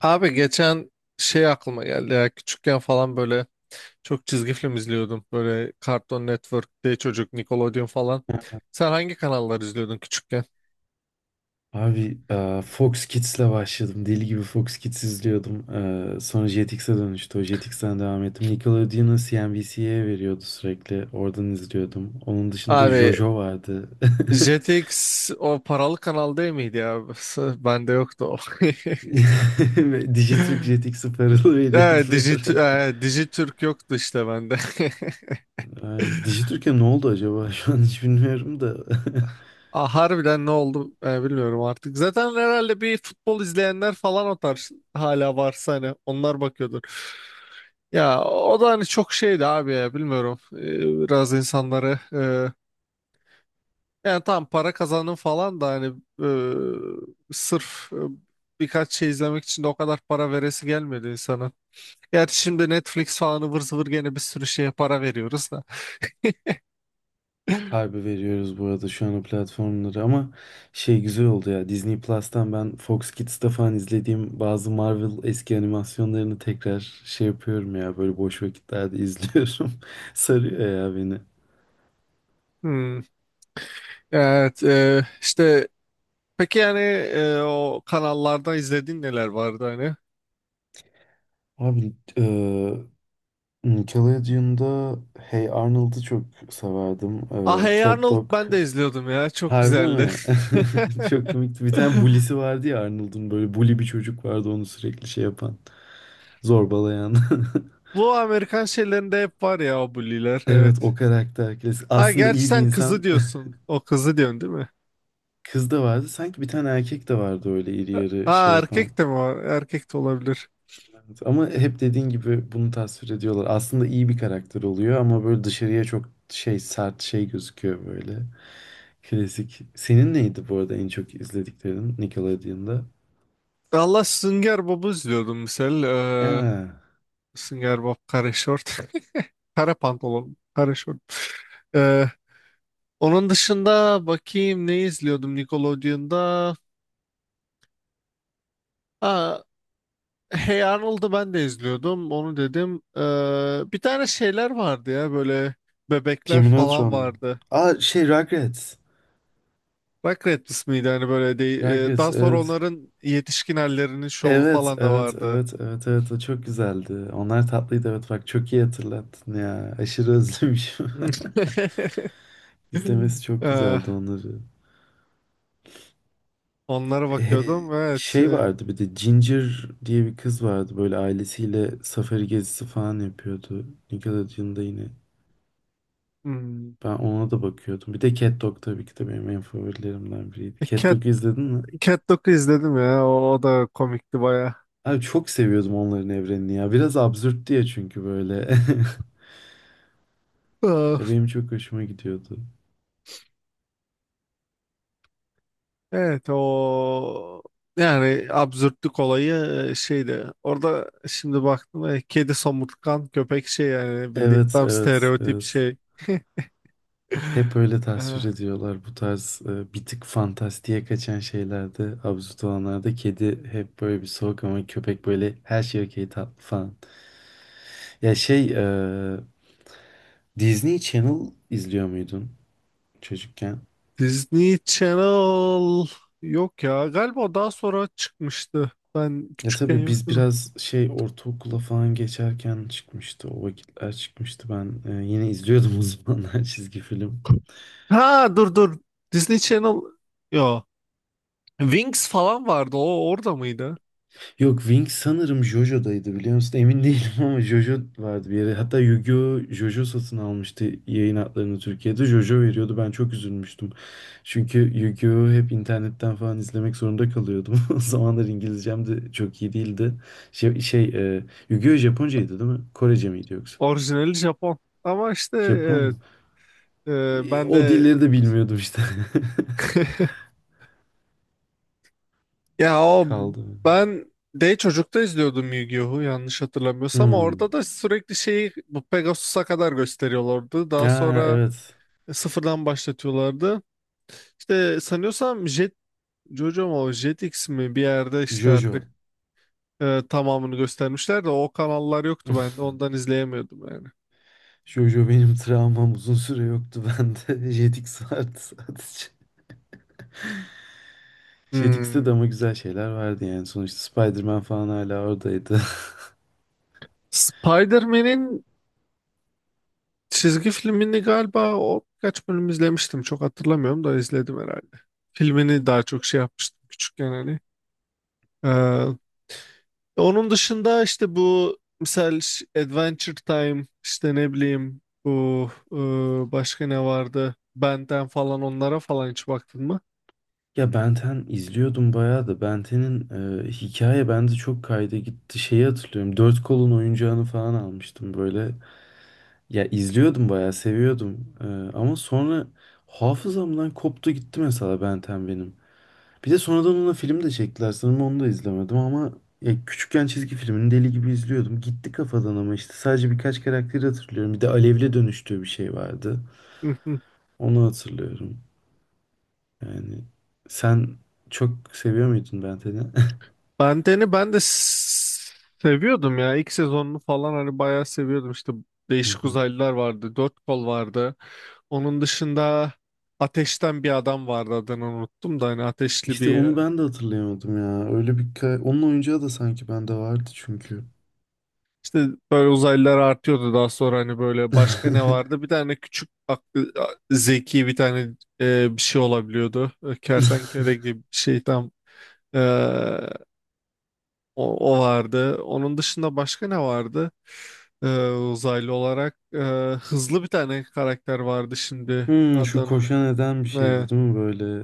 Abi geçen aklıma geldi ya küçükken falan böyle çok çizgi film izliyordum. Böyle Cartoon Network, D Çocuk, Nickelodeon falan. Sen hangi kanallar izliyordun küçükken? Abi Fox Kids'le başladım. Deli gibi Fox Kids izliyordum. Sonra Jetix'e dönüştü. O JTX'ten devam ettim. Nickelodeon'u CNBC'ye veriyordu sürekli. Oradan izliyordum. Onun dışında Abi JoJo vardı. JTX o paralı kanal değil miydi ya? Bende yoktu o. Ve Digiturk JTX'e paralı veriyordu bir ara. Dijitürk yoktu işte bende. Abi, Dijitürk'e ne oldu acaba? Şu an hiç bilmiyorum da. Ah, harbiden ne oldu bilmiyorum artık. Zaten herhalde bir futbol izleyenler falan o tarz hala varsa hani onlar bakıyordur. Ya o da hani çok şeydi abi ya bilmiyorum. Biraz insanları yani tam para kazanın falan da hani sırf birkaç şey izlemek için de o kadar para veresi gelmedi insana. Gerçi şimdi Netflix falan ıvır zıvır gene bir sürü şeye para veriyoruz da. Harbi veriyoruz bu arada şu an o platformları ama şey güzel oldu ya, Disney Plus'tan ben Fox Kids'te falan izlediğim bazı Marvel eski animasyonlarını tekrar şey yapıyorum ya, böyle boş vakitlerde izliyorum. Sarıyor ya beni. Hmm. Evet işte peki yani o kanallarda izlediğin neler vardı hani? Abi Nickelodeon'da Hey Arnold'u çok severdim. Ah, Hey Cat Arnold Dog. ben de izliyordum ya. Çok Harbi güzeldi. mi? Çok komikti. Bir tane bully'si vardı ya Arnold'un, böyle bully bir çocuk vardı, onu sürekli şey yapan, zorbalayan. Bu Amerikan şeylerinde hep var ya o bully'ler. Evet, Evet. o karakter klasik. Ha Aslında gerçi iyi bir sen kızı insan. diyorsun. O kızı diyorsun değil mi? Kız da vardı. Sanki bir tane erkek de vardı, öyle iri yarı şey Ha yapan. erkek de mi var? Erkek de olabilir. Evet, ama hep dediğin gibi bunu tasvir ediyorlar. Aslında iyi bir karakter oluyor ama böyle dışarıya çok şey, sert şey gözüküyor böyle. Klasik. Senin neydi bu arada en çok izlediklerin Nickelodeon'da? Allah Sünger Bob'u izliyordum misal. Aa, Sünger Bob kare şort. Kare pantolon. Kare şort. Ee, Onun dışında bakayım ne izliyordum Nickelodeon'da. Ha, Hey Arnold'u ben de izliyordum. Onu dedim. Bir tane şeyler vardı ya böyle bebekler Jimmy falan Neutron mu? vardı. Aa, şey, Rugrats. Rugrats ismiydi hani böyle de, Rugrats, daha sonra evet. onların yetişkin hallerinin şovu Evet, falan da evet, vardı. evet, evet, evet. O çok güzeldi. Onlar tatlıydı. Evet, bak çok iyi hatırlattın ya. Aşırı özlemişim. İzlemesi çok Ee, güzeldi onları. Onlara E, bakıyordum. Evet. Şey vardı, bir de Ginger diye bir kız vardı. Böyle ailesiyle safari gezisi falan yapıyordu. Nickelodeon'da yine. Hmm. Ben ona da bakıyordum. Bir de Cat Dog tabii ki de benim en favorilerimden biriydi. E, Cat Cat, Dog'u izledin mi? Cat Dog'u izledim ya. O da komikti baya. Abi çok seviyordum onların evrenini ya. Biraz absürt diye çünkü böyle. Ya, benim çok hoşuma gidiyordu. Evet o yani absürtlük olayı şeydi. Orada şimdi baktım kedi somurtkan köpek şey yani bildiğin Evet, tam evet, stereotip evet. şey. Hep öyle tasvir Eh, ediyorlar bu tarz bir tık fantastiğe kaçan şeylerde, absürt olanlarda kedi hep böyle bir soğuk ama köpek böyle her şey okey, tatlı falan. Ya, şey Disney Channel izliyor muydun çocukken? Disney Channel yok ya. Galiba o daha sonra çıkmıştı. Ben Ya küçükken tabii biz yoktu da. biraz şey, ortaokula falan geçerken çıkmıştı, o vakitler çıkmıştı, ben yine izliyordum o zamanlar çizgi film. Ha, dur. Disney Channel yo. Wings falan vardı. O orada mıydı? Yok, Wing sanırım JoJo'daydı, biliyor musun? Emin değilim ama JoJo vardı bir yere. Hatta Yu-Gi-Oh! JoJo satın almıştı yayın haklarını Türkiye'de. JoJo veriyordu. Ben çok üzülmüştüm. Çünkü Yu-Gi-Oh! Hep internetten falan izlemek zorunda kalıyordum. O zamanlar İngilizcem de çok iyi değildi. Şey, şey e, Yu-Gi-Oh! Japoncaydı değil mi? Korece miydi yoksa? Orijinali Japon. Ama işte Japon mu? evet, e, ben O de dilleri de bilmiyordum işte. Ya o Kaldı. ben de çocukta izliyordum Yu-Gi-Oh'u yanlış hatırlamıyorsam. Hmm. Orada da sürekli şeyi bu Pegasus'a kadar gösteriyorlardı. Daha Aa, sonra evet. sıfırdan başlatıyorlardı. İşte sanıyorsam Jojo mu Jetix mi bir yerde işte JoJo. artık tamamını göstermişler de o kanallar yoktu ben de ondan izleyemiyordum yani. Jojo benim travmam, uzun süre yoktu bende. Jetix vardı sadece. Jetix'te de Hmm. ama güzel şeyler vardı yani. Sonuçta Spider-Man falan hala oradaydı. Spider-Man'in çizgi filmini galiba o birkaç bölüm izlemiştim. Çok hatırlamıyorum da izledim herhalde. Filmini daha çok şey yapmıştım küçükken hani. Ee, Onun dışında işte bu misal Adventure Time işte ne bileyim bu başka ne vardı? Benden falan onlara falan hiç baktın mı? Ya, Ben 10 izliyordum bayağı da, Ben 10'in hikaye bende çok kayda gitti. Şeyi hatırlıyorum, dört kolun oyuncağını falan almıştım böyle. Ya izliyordum, bayağı seviyordum. Ama sonra hafızamdan koptu gitti mesela, Ben 10 benim. Bir de sonradan ona film de çektiler. Sanırım onu da izlemedim, ama ya küçükken çizgi filmini deli gibi izliyordum. Gitti kafadan, ama işte sadece birkaç karakteri hatırlıyorum. Bir de Alev'le dönüştüğü bir şey vardı. Hı hı. Onu hatırlıyorum. Yani sen çok seviyor muydun Ben Ten'i? Benden'i ben de s- Seviyordum ya. İlk sezonunu falan hani bayağı seviyordum. İşte Hı değişik hı. uzaylılar vardı. Dört kol vardı. Onun dışında ateşten bir adam vardı adını unuttum da hani ateşli İşte bir onu ben de hatırlayamadım ya. Onun oyuncağı da sanki bende vardı çünkü. İşte böyle uzaylılar artıyordu daha sonra hani böyle başka ne vardı? Bir tane küçük aklı, zeki bir tane bir şey olabiliyordu. E, kertenkele gibi bir şey tam e, o vardı. Onun dışında başka ne vardı? Uzaylı olarak hızlı bir tane karakter vardı şimdi Şu adının. koşan eden bir e, şeydi değil mi böyle?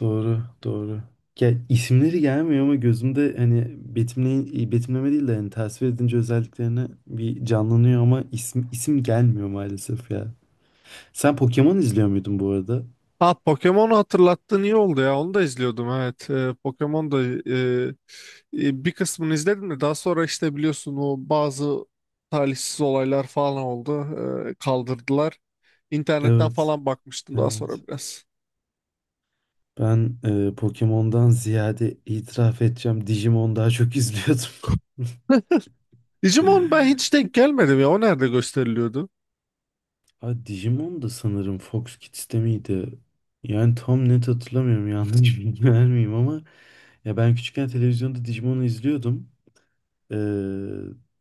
Doğru, doğru. Ya, isimleri gelmiyor ama gözümde, hani betimleme değil de yani tasvir edince özelliklerini bir canlanıyor, ama isim isim gelmiyor maalesef ya. Sen Pokemon izliyor muydun bu arada? Ha Pokemon'u hatırlattın iyi oldu ya. Onu da izliyordum evet. Pokemon da bir kısmını izledim de daha sonra işte biliyorsun o bazı talihsiz olaylar falan oldu. Kaldırdılar. İnternetten Evet, falan bakmıştım daha evet. sonra biraz. Ben Pokemon'dan ziyade, itiraf edeceğim, Digimon daha çok izliyordum. Digimon ben hiç denk gelmedim ya. O nerede gösteriliyordu? Ha, Digimon da sanırım Fox Kids'te miydi? Yani tam net hatırlamıyorum, yanlış bilgi vermeyeyim, ama ya ben küçükken televizyonda Digimon'u izliyordum. Ee,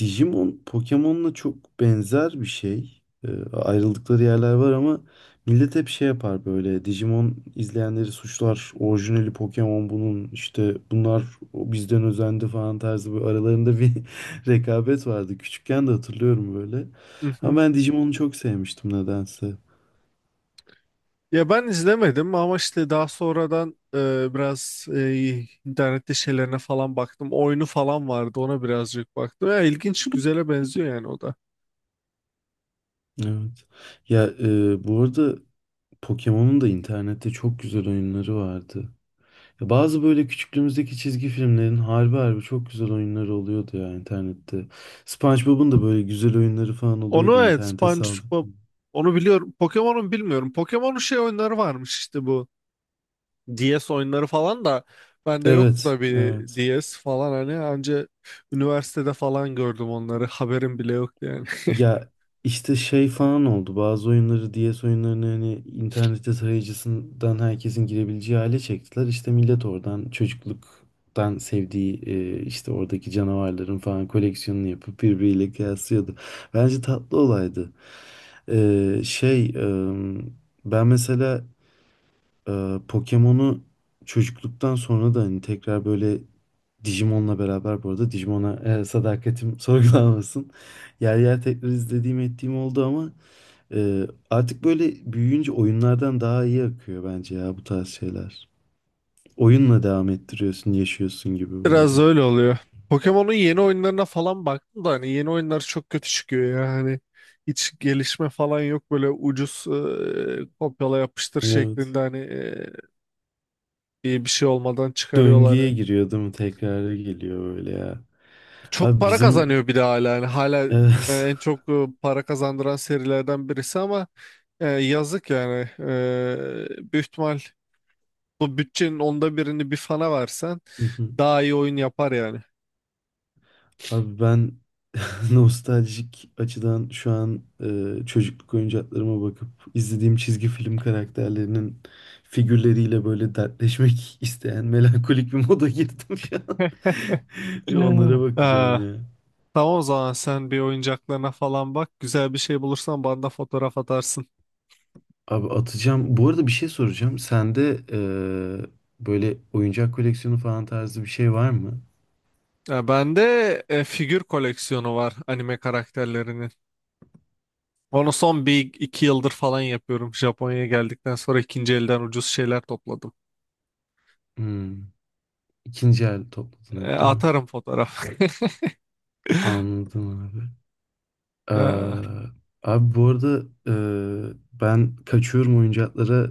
Digimon Pokemon'la çok benzer bir şey. Ayrıldıkları yerler var, ama millet hep şey yapar böyle. Digimon izleyenleri suçlar. Orijinali Pokemon bunun, işte bunlar o bizden özendi falan tarzı, böyle aralarında bir rekabet vardı. Küçükken de hatırlıyorum böyle. Ama ben Digimon'u çok sevmiştim nedense. Ya ben izlemedim ama işte daha sonradan biraz internette şeylerine falan baktım. Oyunu falan vardı ona birazcık baktım. Ya ilginç güzele benziyor yani o da. Evet. Ya bu arada Pokemon'un da internette çok güzel oyunları vardı. Ya, bazı böyle küçüklüğümüzdeki çizgi filmlerin harbi harbi çok güzel oyunları oluyordu ya internette. SpongeBob'un da böyle güzel oyunları falan oluyordu, Onu evet internete saldım. SpongeBob onu biliyorum. Pokemon'un bilmiyorum. Pokemon'un şey oyunları varmış işte bu DS oyunları falan da bende yoktu Evet, tabii evet. DS falan hani anca üniversitede falan gördüm onları. Haberim bile yoktu yani. Ya, işte şey falan oldu. Bazı oyunları, DS oyunlarını hani internette tarayıcısından herkesin girebileceği hale çektiler. İşte millet oradan çocukluktan sevdiği işte oradaki canavarların falan koleksiyonunu yapıp birbiriyle kıyaslıyordu. Bence tatlı olaydı. Şey ben mesela Pokemon'u çocukluktan sonra da hani tekrar böyle Digimon'la beraber, bu arada Digimon'a sadakatim sorgulanmasın. Yer yer tekrar izlediğim ettiğim oldu, ama artık böyle büyüyünce oyunlardan daha iyi akıyor bence ya bu tarz şeyler. Oyunla devam ettiriyorsun, yaşıyorsun gibi böyle. Biraz öyle oluyor. Pokemon'un yeni oyunlarına falan baktım da hani yeni oyunlar çok kötü çıkıyor ya. Hani hiç gelişme falan yok böyle ucuz kopyala yapıştır Evet. şeklinde hani iyi bir şey olmadan çıkarıyorlar Döngüye yani. giriyor değil mi? Tekrara geliyor böyle ya. Çok Abi para bizim, kazanıyor bir de hala yani hala evet. en çok para kazandıran serilerden birisi ama yazık yani. E, büyük ihtimal bu bütçenin onda birini bir fana versen Hı hı. daha iyi oyun yapar yani. Abi ben nostaljik açıdan şu an çocukluk oyuncaklarıma bakıp izlediğim çizgi film karakterlerinin figürleriyle böyle dertleşmek isteyen melankolik bir moda girdim şu an. Bir Hmm. onlara bakacağım ya. Tamam o zaman sen bir oyuncaklarına falan bak. Güzel bir şey bulursan bana da fotoğraf atarsın. Abi, atacağım. Bu arada bir şey soracağım. Sende böyle oyuncak koleksiyonu falan tarzı bir şey var mı? Ya bende figür koleksiyonu var anime karakterlerinin. Onu son bir iki yıldır falan yapıyorum. Japonya'ya geldikten sonra ikinci elden ucuz şeyler topladım. Hmm. İkinci el topladın E, hep değil mi? atarım fotoğraf. Anladım abi. E, Ee, Abi bu arada ben kaçıyorum oyuncaklara.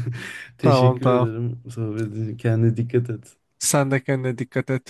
tamam, Teşekkür tamam. ederim sohbetin. Kendine dikkat et. Sen de kendine dikkat et.